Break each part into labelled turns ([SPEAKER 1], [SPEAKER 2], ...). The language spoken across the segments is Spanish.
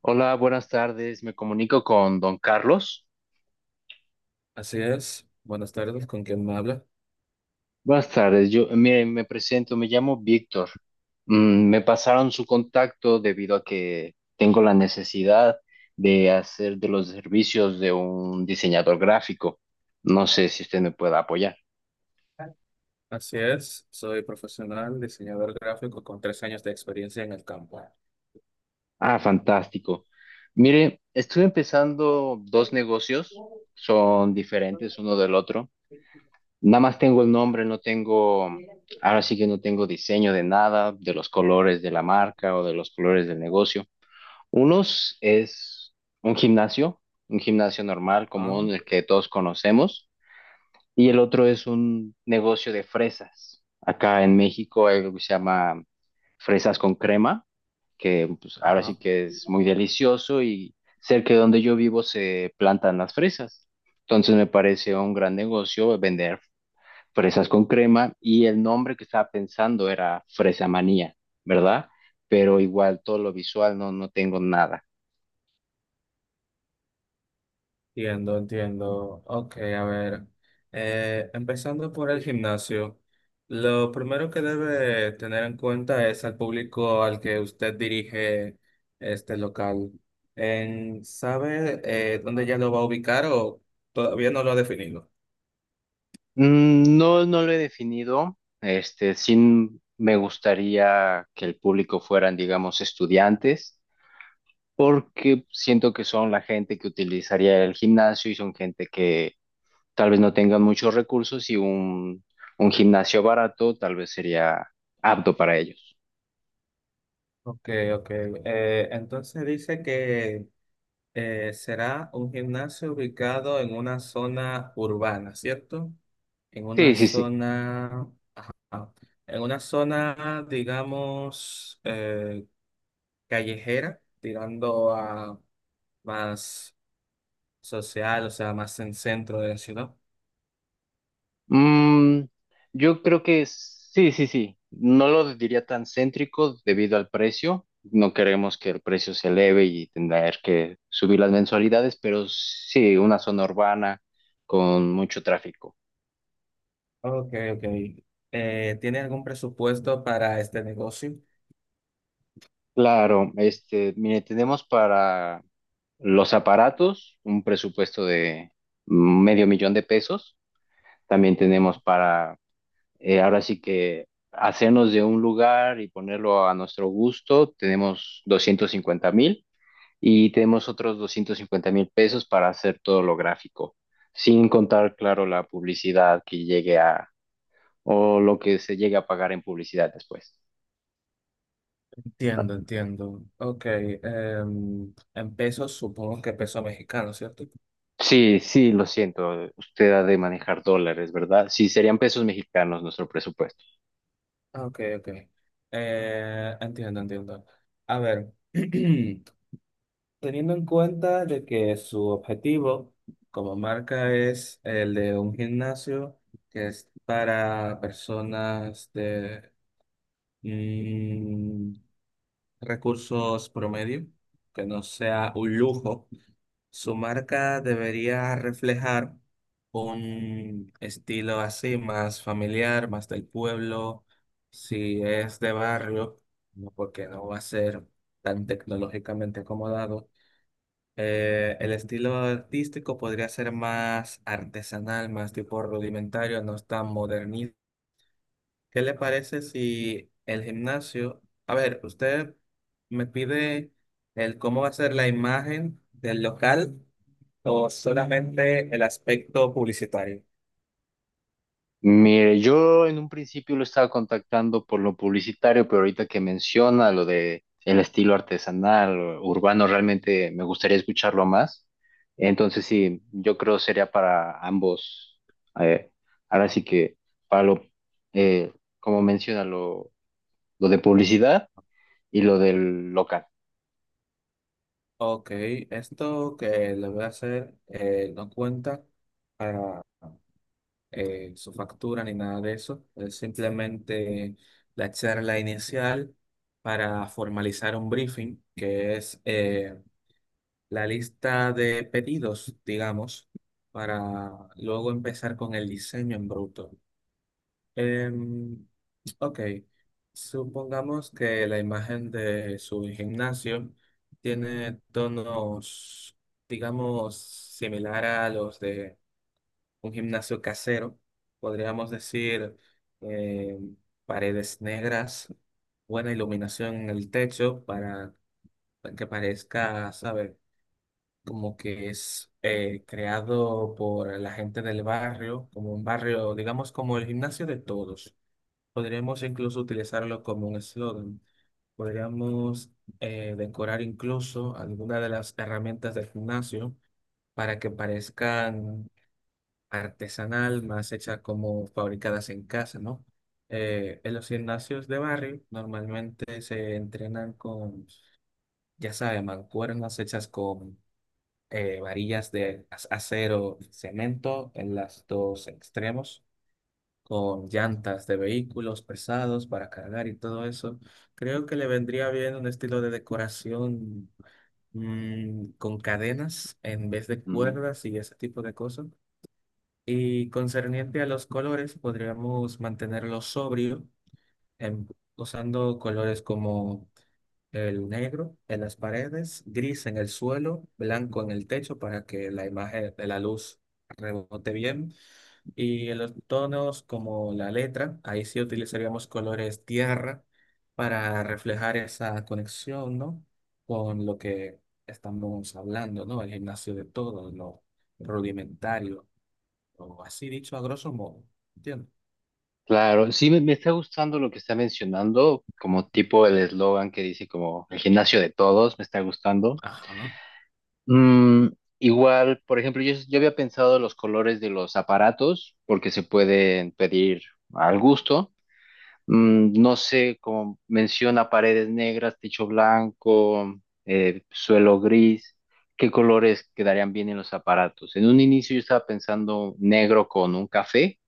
[SPEAKER 1] Hola, buenas tardes. Me comunico con don Carlos.
[SPEAKER 2] Así es. Buenas tardes, ¿con quién me habla?
[SPEAKER 1] Buenas tardes. Yo, mire, me presento, me llamo Víctor. Me pasaron su contacto debido a que tengo la necesidad de hacer de los servicios de un diseñador gráfico. No sé si usted me pueda apoyar.
[SPEAKER 2] Así es, soy profesional, diseñador gráfico con tres años de experiencia en el campo.
[SPEAKER 1] Ah, fantástico. Mire, estoy empezando dos negocios, son diferentes uno del otro. Nada más tengo el nombre, no tengo, ahora sí que no tengo diseño de nada, de los colores de la marca o de los colores del negocio. Unos es un gimnasio, un gimnasio normal,
[SPEAKER 2] Ah,
[SPEAKER 1] común, el que todos conocemos, y el otro es un negocio de fresas. Acá en México hay algo que se llama fresas con crema, que pues, ahora
[SPEAKER 2] ajá.
[SPEAKER 1] sí que es muy delicioso y cerca de donde yo vivo se plantan las fresas. Entonces me parece un gran negocio vender fresas con crema y el nombre que estaba pensando era Fresa Manía, ¿verdad? Pero igual todo lo visual no, no tengo nada.
[SPEAKER 2] Entiendo, entiendo. Ok, a ver. Empezando por el gimnasio, lo primero que debe tener en cuenta es al público al que usted dirige este local. ¿Sabe dónde ya lo va a ubicar o todavía no lo ha definido?
[SPEAKER 1] No, no lo he definido. Este, sí me gustaría que el público fueran, digamos, estudiantes, porque siento que son la gente que utilizaría el gimnasio y son gente que tal vez no tengan muchos recursos y un gimnasio barato tal vez sería apto para ellos.
[SPEAKER 2] Ok, ok. Entonces dice que será un gimnasio ubicado en una zona urbana, ¿cierto? En
[SPEAKER 1] Sí,
[SPEAKER 2] una
[SPEAKER 1] sí, sí.
[SPEAKER 2] zona, ah, en una zona, digamos, callejera, tirando a más social, o sea, más en centro de la ciudad.
[SPEAKER 1] Mm, yo creo que sí, sí, sí. No lo diría tan céntrico debido al precio. No queremos que el precio se eleve y tener que subir las mensualidades, pero sí, una zona urbana con mucho tráfico.
[SPEAKER 2] Ok, ok. ¿Tiene algún presupuesto para este negocio?
[SPEAKER 1] Claro, este, mire, tenemos para los aparatos un presupuesto de 500.000 de pesos. También tenemos para ahora sí que hacernos de un lugar y ponerlo a nuestro gusto, tenemos 250.000 y tenemos otros 250.000 pesos para hacer todo lo gráfico, sin contar, claro, la publicidad que llegue a, o lo que se llegue a pagar en publicidad después.
[SPEAKER 2] Entiendo, entiendo. Ok, en pesos supongo que peso mexicano, ¿cierto?
[SPEAKER 1] Sí, sí, lo siento, usted ha de manejar dólares, ¿verdad? Sí, serían pesos mexicanos nuestro presupuesto.
[SPEAKER 2] Ah, ok, ok. Entiendo, entiendo. A ver, teniendo en cuenta de que su objetivo como marca es el de un gimnasio que es para personas de mm, recursos promedio, que no sea un lujo. Su marca debería reflejar un estilo así, más familiar, más del pueblo. Si es de barrio, no, porque no va a ser tan tecnológicamente acomodado. El estilo artístico podría ser más artesanal, más tipo rudimentario, no es tan modernista. ¿Qué le parece si el gimnasio, a ver, usted me pide el cómo va a ser la imagen del local o solamente el aspecto publicitario?
[SPEAKER 1] Mire, yo en un principio lo estaba contactando por lo publicitario, pero ahorita que menciona lo de el estilo artesanal, urbano, realmente me gustaría escucharlo más. Entonces sí, yo creo sería para ambos. Eh, ahora sí que para lo, eh, Como menciona, lo de publicidad y lo del local.
[SPEAKER 2] Ok, esto que le voy a hacer no cuenta para su factura ni nada de eso, es simplemente la charla inicial para formalizar un briefing, que es... la lista de pedidos, digamos, para luego empezar con el diseño en bruto. Em, ok, supongamos que la imagen de su gimnasio tiene tonos, digamos, similar a los de un gimnasio casero. Podríamos decir em, paredes negras, buena iluminación en el techo para que parezca, ¿sabes? Como que es creado por la gente del barrio, como un barrio, digamos, como el gimnasio de todos. Podríamos incluso utilizarlo como un eslogan. Podríamos decorar incluso alguna de las herramientas del gimnasio para que parezcan artesanal, más hechas como fabricadas en casa, ¿no? En los gimnasios de barrio normalmente se entrenan con, ya saben, mancuernas hechas con varillas de acero, cemento en los dos extremos, con llantas de vehículos pesados para cargar y todo eso. Creo que le vendría bien un estilo de decoración con cadenas en vez de
[SPEAKER 1] Mm,
[SPEAKER 2] cuerdas y ese tipo de cosas. Y concerniente a los colores, podríamos mantenerlo sobrio, em, usando colores como el negro en las paredes, gris en el suelo, blanco en el techo para que la imagen de la luz rebote bien. Y en los tonos como la letra, ahí sí utilizaríamos colores tierra para reflejar esa conexión, ¿no? Con lo que estamos hablando, ¿no? El gimnasio de todo, lo rudimentario, o así dicho a grosso modo. ¿Entiendes?
[SPEAKER 1] claro, sí me está gustando lo que está mencionando, como tipo el eslogan que dice como el gimnasio de todos, me está gustando.
[SPEAKER 2] Ajá.
[SPEAKER 1] Mm, Igual, por ejemplo, yo había pensado los colores de los aparatos, porque se pueden pedir al gusto. No sé, como menciona paredes negras, techo blanco, suelo gris, ¿qué colores quedarían bien en los aparatos? En un inicio yo estaba pensando negro con un café,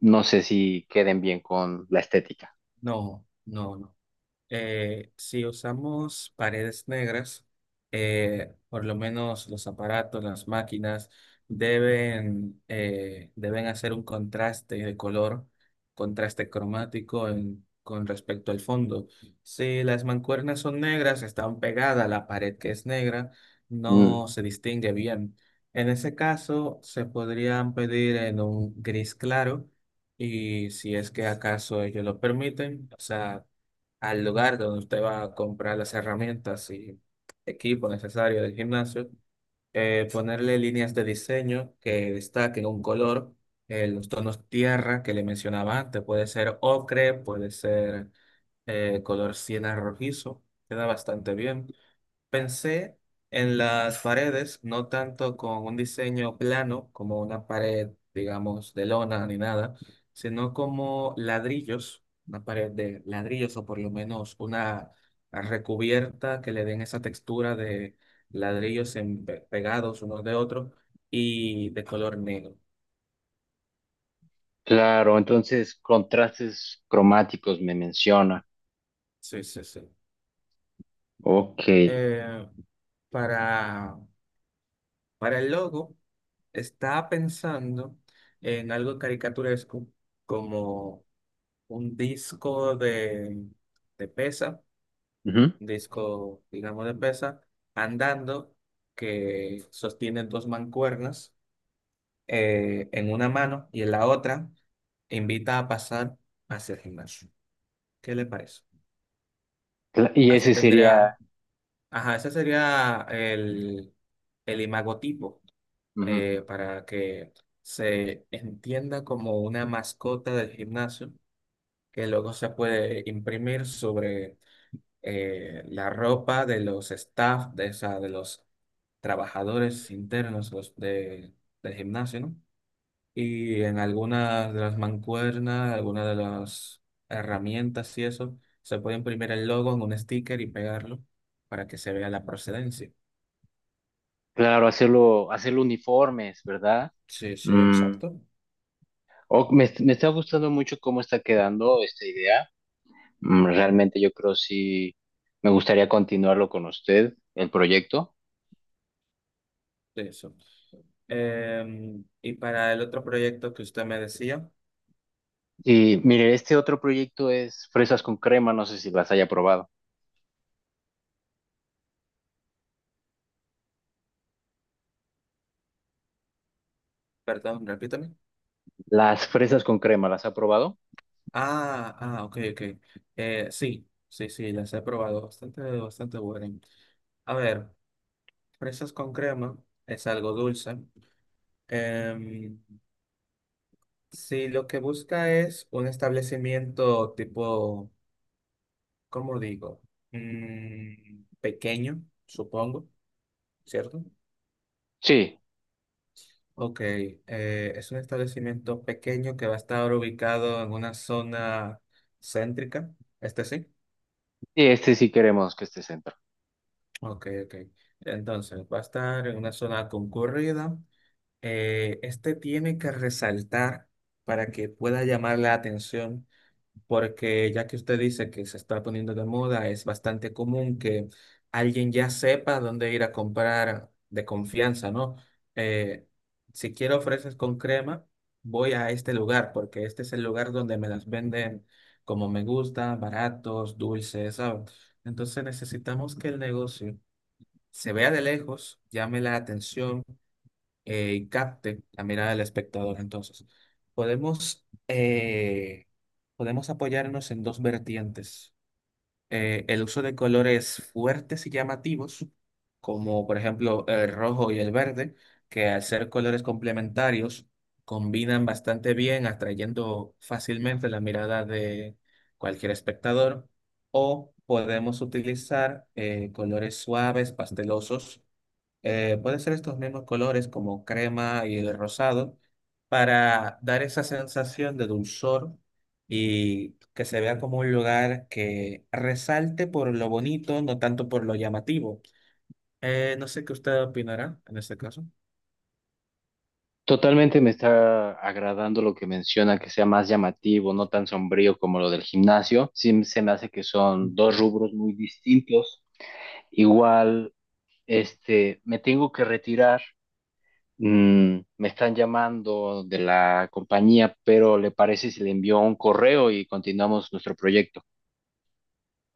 [SPEAKER 1] no sé si queden bien con la estética.
[SPEAKER 2] No, no, no. Si usamos paredes negras, por lo menos los aparatos, las máquinas, deben, deben hacer un contraste de color, contraste cromático con respecto al fondo. Si las mancuernas son negras, están pegadas a la pared que es negra,
[SPEAKER 1] Mm,
[SPEAKER 2] no se distingue bien. En ese caso, se podrían pedir en un gris claro. Y si es que acaso ellos lo permiten, o sea, al lugar donde usted va a comprar las herramientas y equipo necesario del gimnasio, ponerle líneas de diseño que destaquen un color, los tonos tierra que le mencionaba antes, puede ser ocre, puede ser color siena rojizo, queda bastante bien. Pensé en las paredes, no tanto con un diseño plano como una pared, digamos, de lona ni nada, sino como ladrillos, una pared de ladrillos o por lo menos una recubierta que le den esa textura de ladrillos pegados unos de otros y de color negro.
[SPEAKER 1] claro, entonces contrastes cromáticos me menciona.
[SPEAKER 2] Sí, sí, sí.
[SPEAKER 1] Ok.
[SPEAKER 2] Eh, para, para el logo, estaba pensando en algo caricaturesco como un disco de pesa,
[SPEAKER 1] Ujú.
[SPEAKER 2] un disco, digamos, de pesa, andando, que sostiene dos mancuernas en una mano y en la otra invita a pasar hacia el gimnasio. ¿Qué le parece?
[SPEAKER 1] Y
[SPEAKER 2] Así
[SPEAKER 1] ese sería,
[SPEAKER 2] tendría, ajá, ese sería el imagotipo
[SPEAKER 1] ujú,
[SPEAKER 2] para que se entienda como una mascota del gimnasio que luego se puede imprimir sobre la ropa de los staff, de, o sea, de los trabajadores internos del gimnasio, ¿no? Y en algunas de las mancuernas, algunas de las herramientas y eso, se puede imprimir el logo en un sticker y pegarlo para que se vea la procedencia.
[SPEAKER 1] claro, hacerlo uniformes, ¿verdad?
[SPEAKER 2] Sí, sí,
[SPEAKER 1] Mm,
[SPEAKER 2] exacto.
[SPEAKER 1] Me está gustando mucho cómo está quedando esta idea. Realmente yo creo sí me gustaría continuarlo con usted, el proyecto.
[SPEAKER 2] De eso. Y para el otro proyecto que usted me decía,
[SPEAKER 1] Y mire, este otro proyecto es fresas con crema, no sé si las haya probado.
[SPEAKER 2] perdón, repítame.
[SPEAKER 1] Las fresas con crema, ¿las ha probado?
[SPEAKER 2] Ah, ah, ok, ok. Sí, sí, sí, las he probado. Bastante, bastante buenas. A ver, fresas con crema es algo dulce. Em, si lo que busca es un establecimiento tipo, ¿cómo digo? Pequeño, supongo, ¿cierto?
[SPEAKER 1] Sí,
[SPEAKER 2] Ok, es un establecimiento pequeño que va a estar ubicado en una zona céntrica, este sí.
[SPEAKER 1] y este sí queremos que esté sentado.
[SPEAKER 2] Ok, ok. Entonces, va a estar en una zona concurrida. Este tiene que resaltar para que pueda llamar la atención, porque ya que usted dice que se está poniendo de moda, es bastante común que alguien ya sepa dónde ir a comprar de confianza, ¿no? Eh, si quiero ofreces con crema, voy a este lugar, porque este es el lugar donde me las venden como me gusta, baratos, dulces, ¿sabes? Entonces necesitamos que el negocio se vea de lejos, llame la atención y capte la mirada del espectador. Entonces, podemos, eh, podemos apoyarnos en dos vertientes. El uso de colores fuertes y llamativos, como por ejemplo el rojo y el verde, que al ser colores complementarios, combinan bastante bien, atrayendo fácilmente la mirada de cualquier espectador. O podemos utilizar colores suaves, pastelosos, puede ser estos mismos colores como crema y el rosado para dar esa sensación de dulzor y que se vea como un lugar que resalte por lo bonito, no tanto por lo llamativo. No sé qué usted opinará en este caso.
[SPEAKER 1] Totalmente me está agradando lo que menciona, que sea más llamativo, no tan sombrío como lo del gimnasio. Sí, se me hace que son dos
[SPEAKER 2] Ujú.
[SPEAKER 1] rubros muy distintos. Igual, me tengo que retirar. Me están llamando de la compañía, pero ¿le parece si le envío un correo y continuamos nuestro proyecto?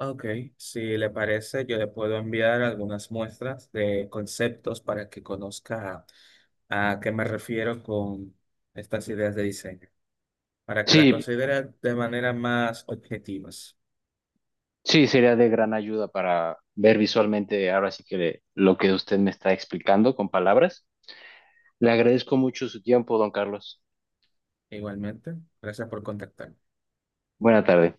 [SPEAKER 2] Ok, si le parece, yo le puedo enviar algunas muestras de conceptos para que conozca a qué me refiero con estas ideas de diseño, para que la
[SPEAKER 1] Sí,
[SPEAKER 2] considere de manera más objetiva.
[SPEAKER 1] sí, sería de gran ayuda para ver visualmente ahora sí que lo que usted me está explicando con palabras. Le agradezco mucho su tiempo, don Carlos.
[SPEAKER 2] Igualmente, gracias por contactarme.
[SPEAKER 1] Buena tarde.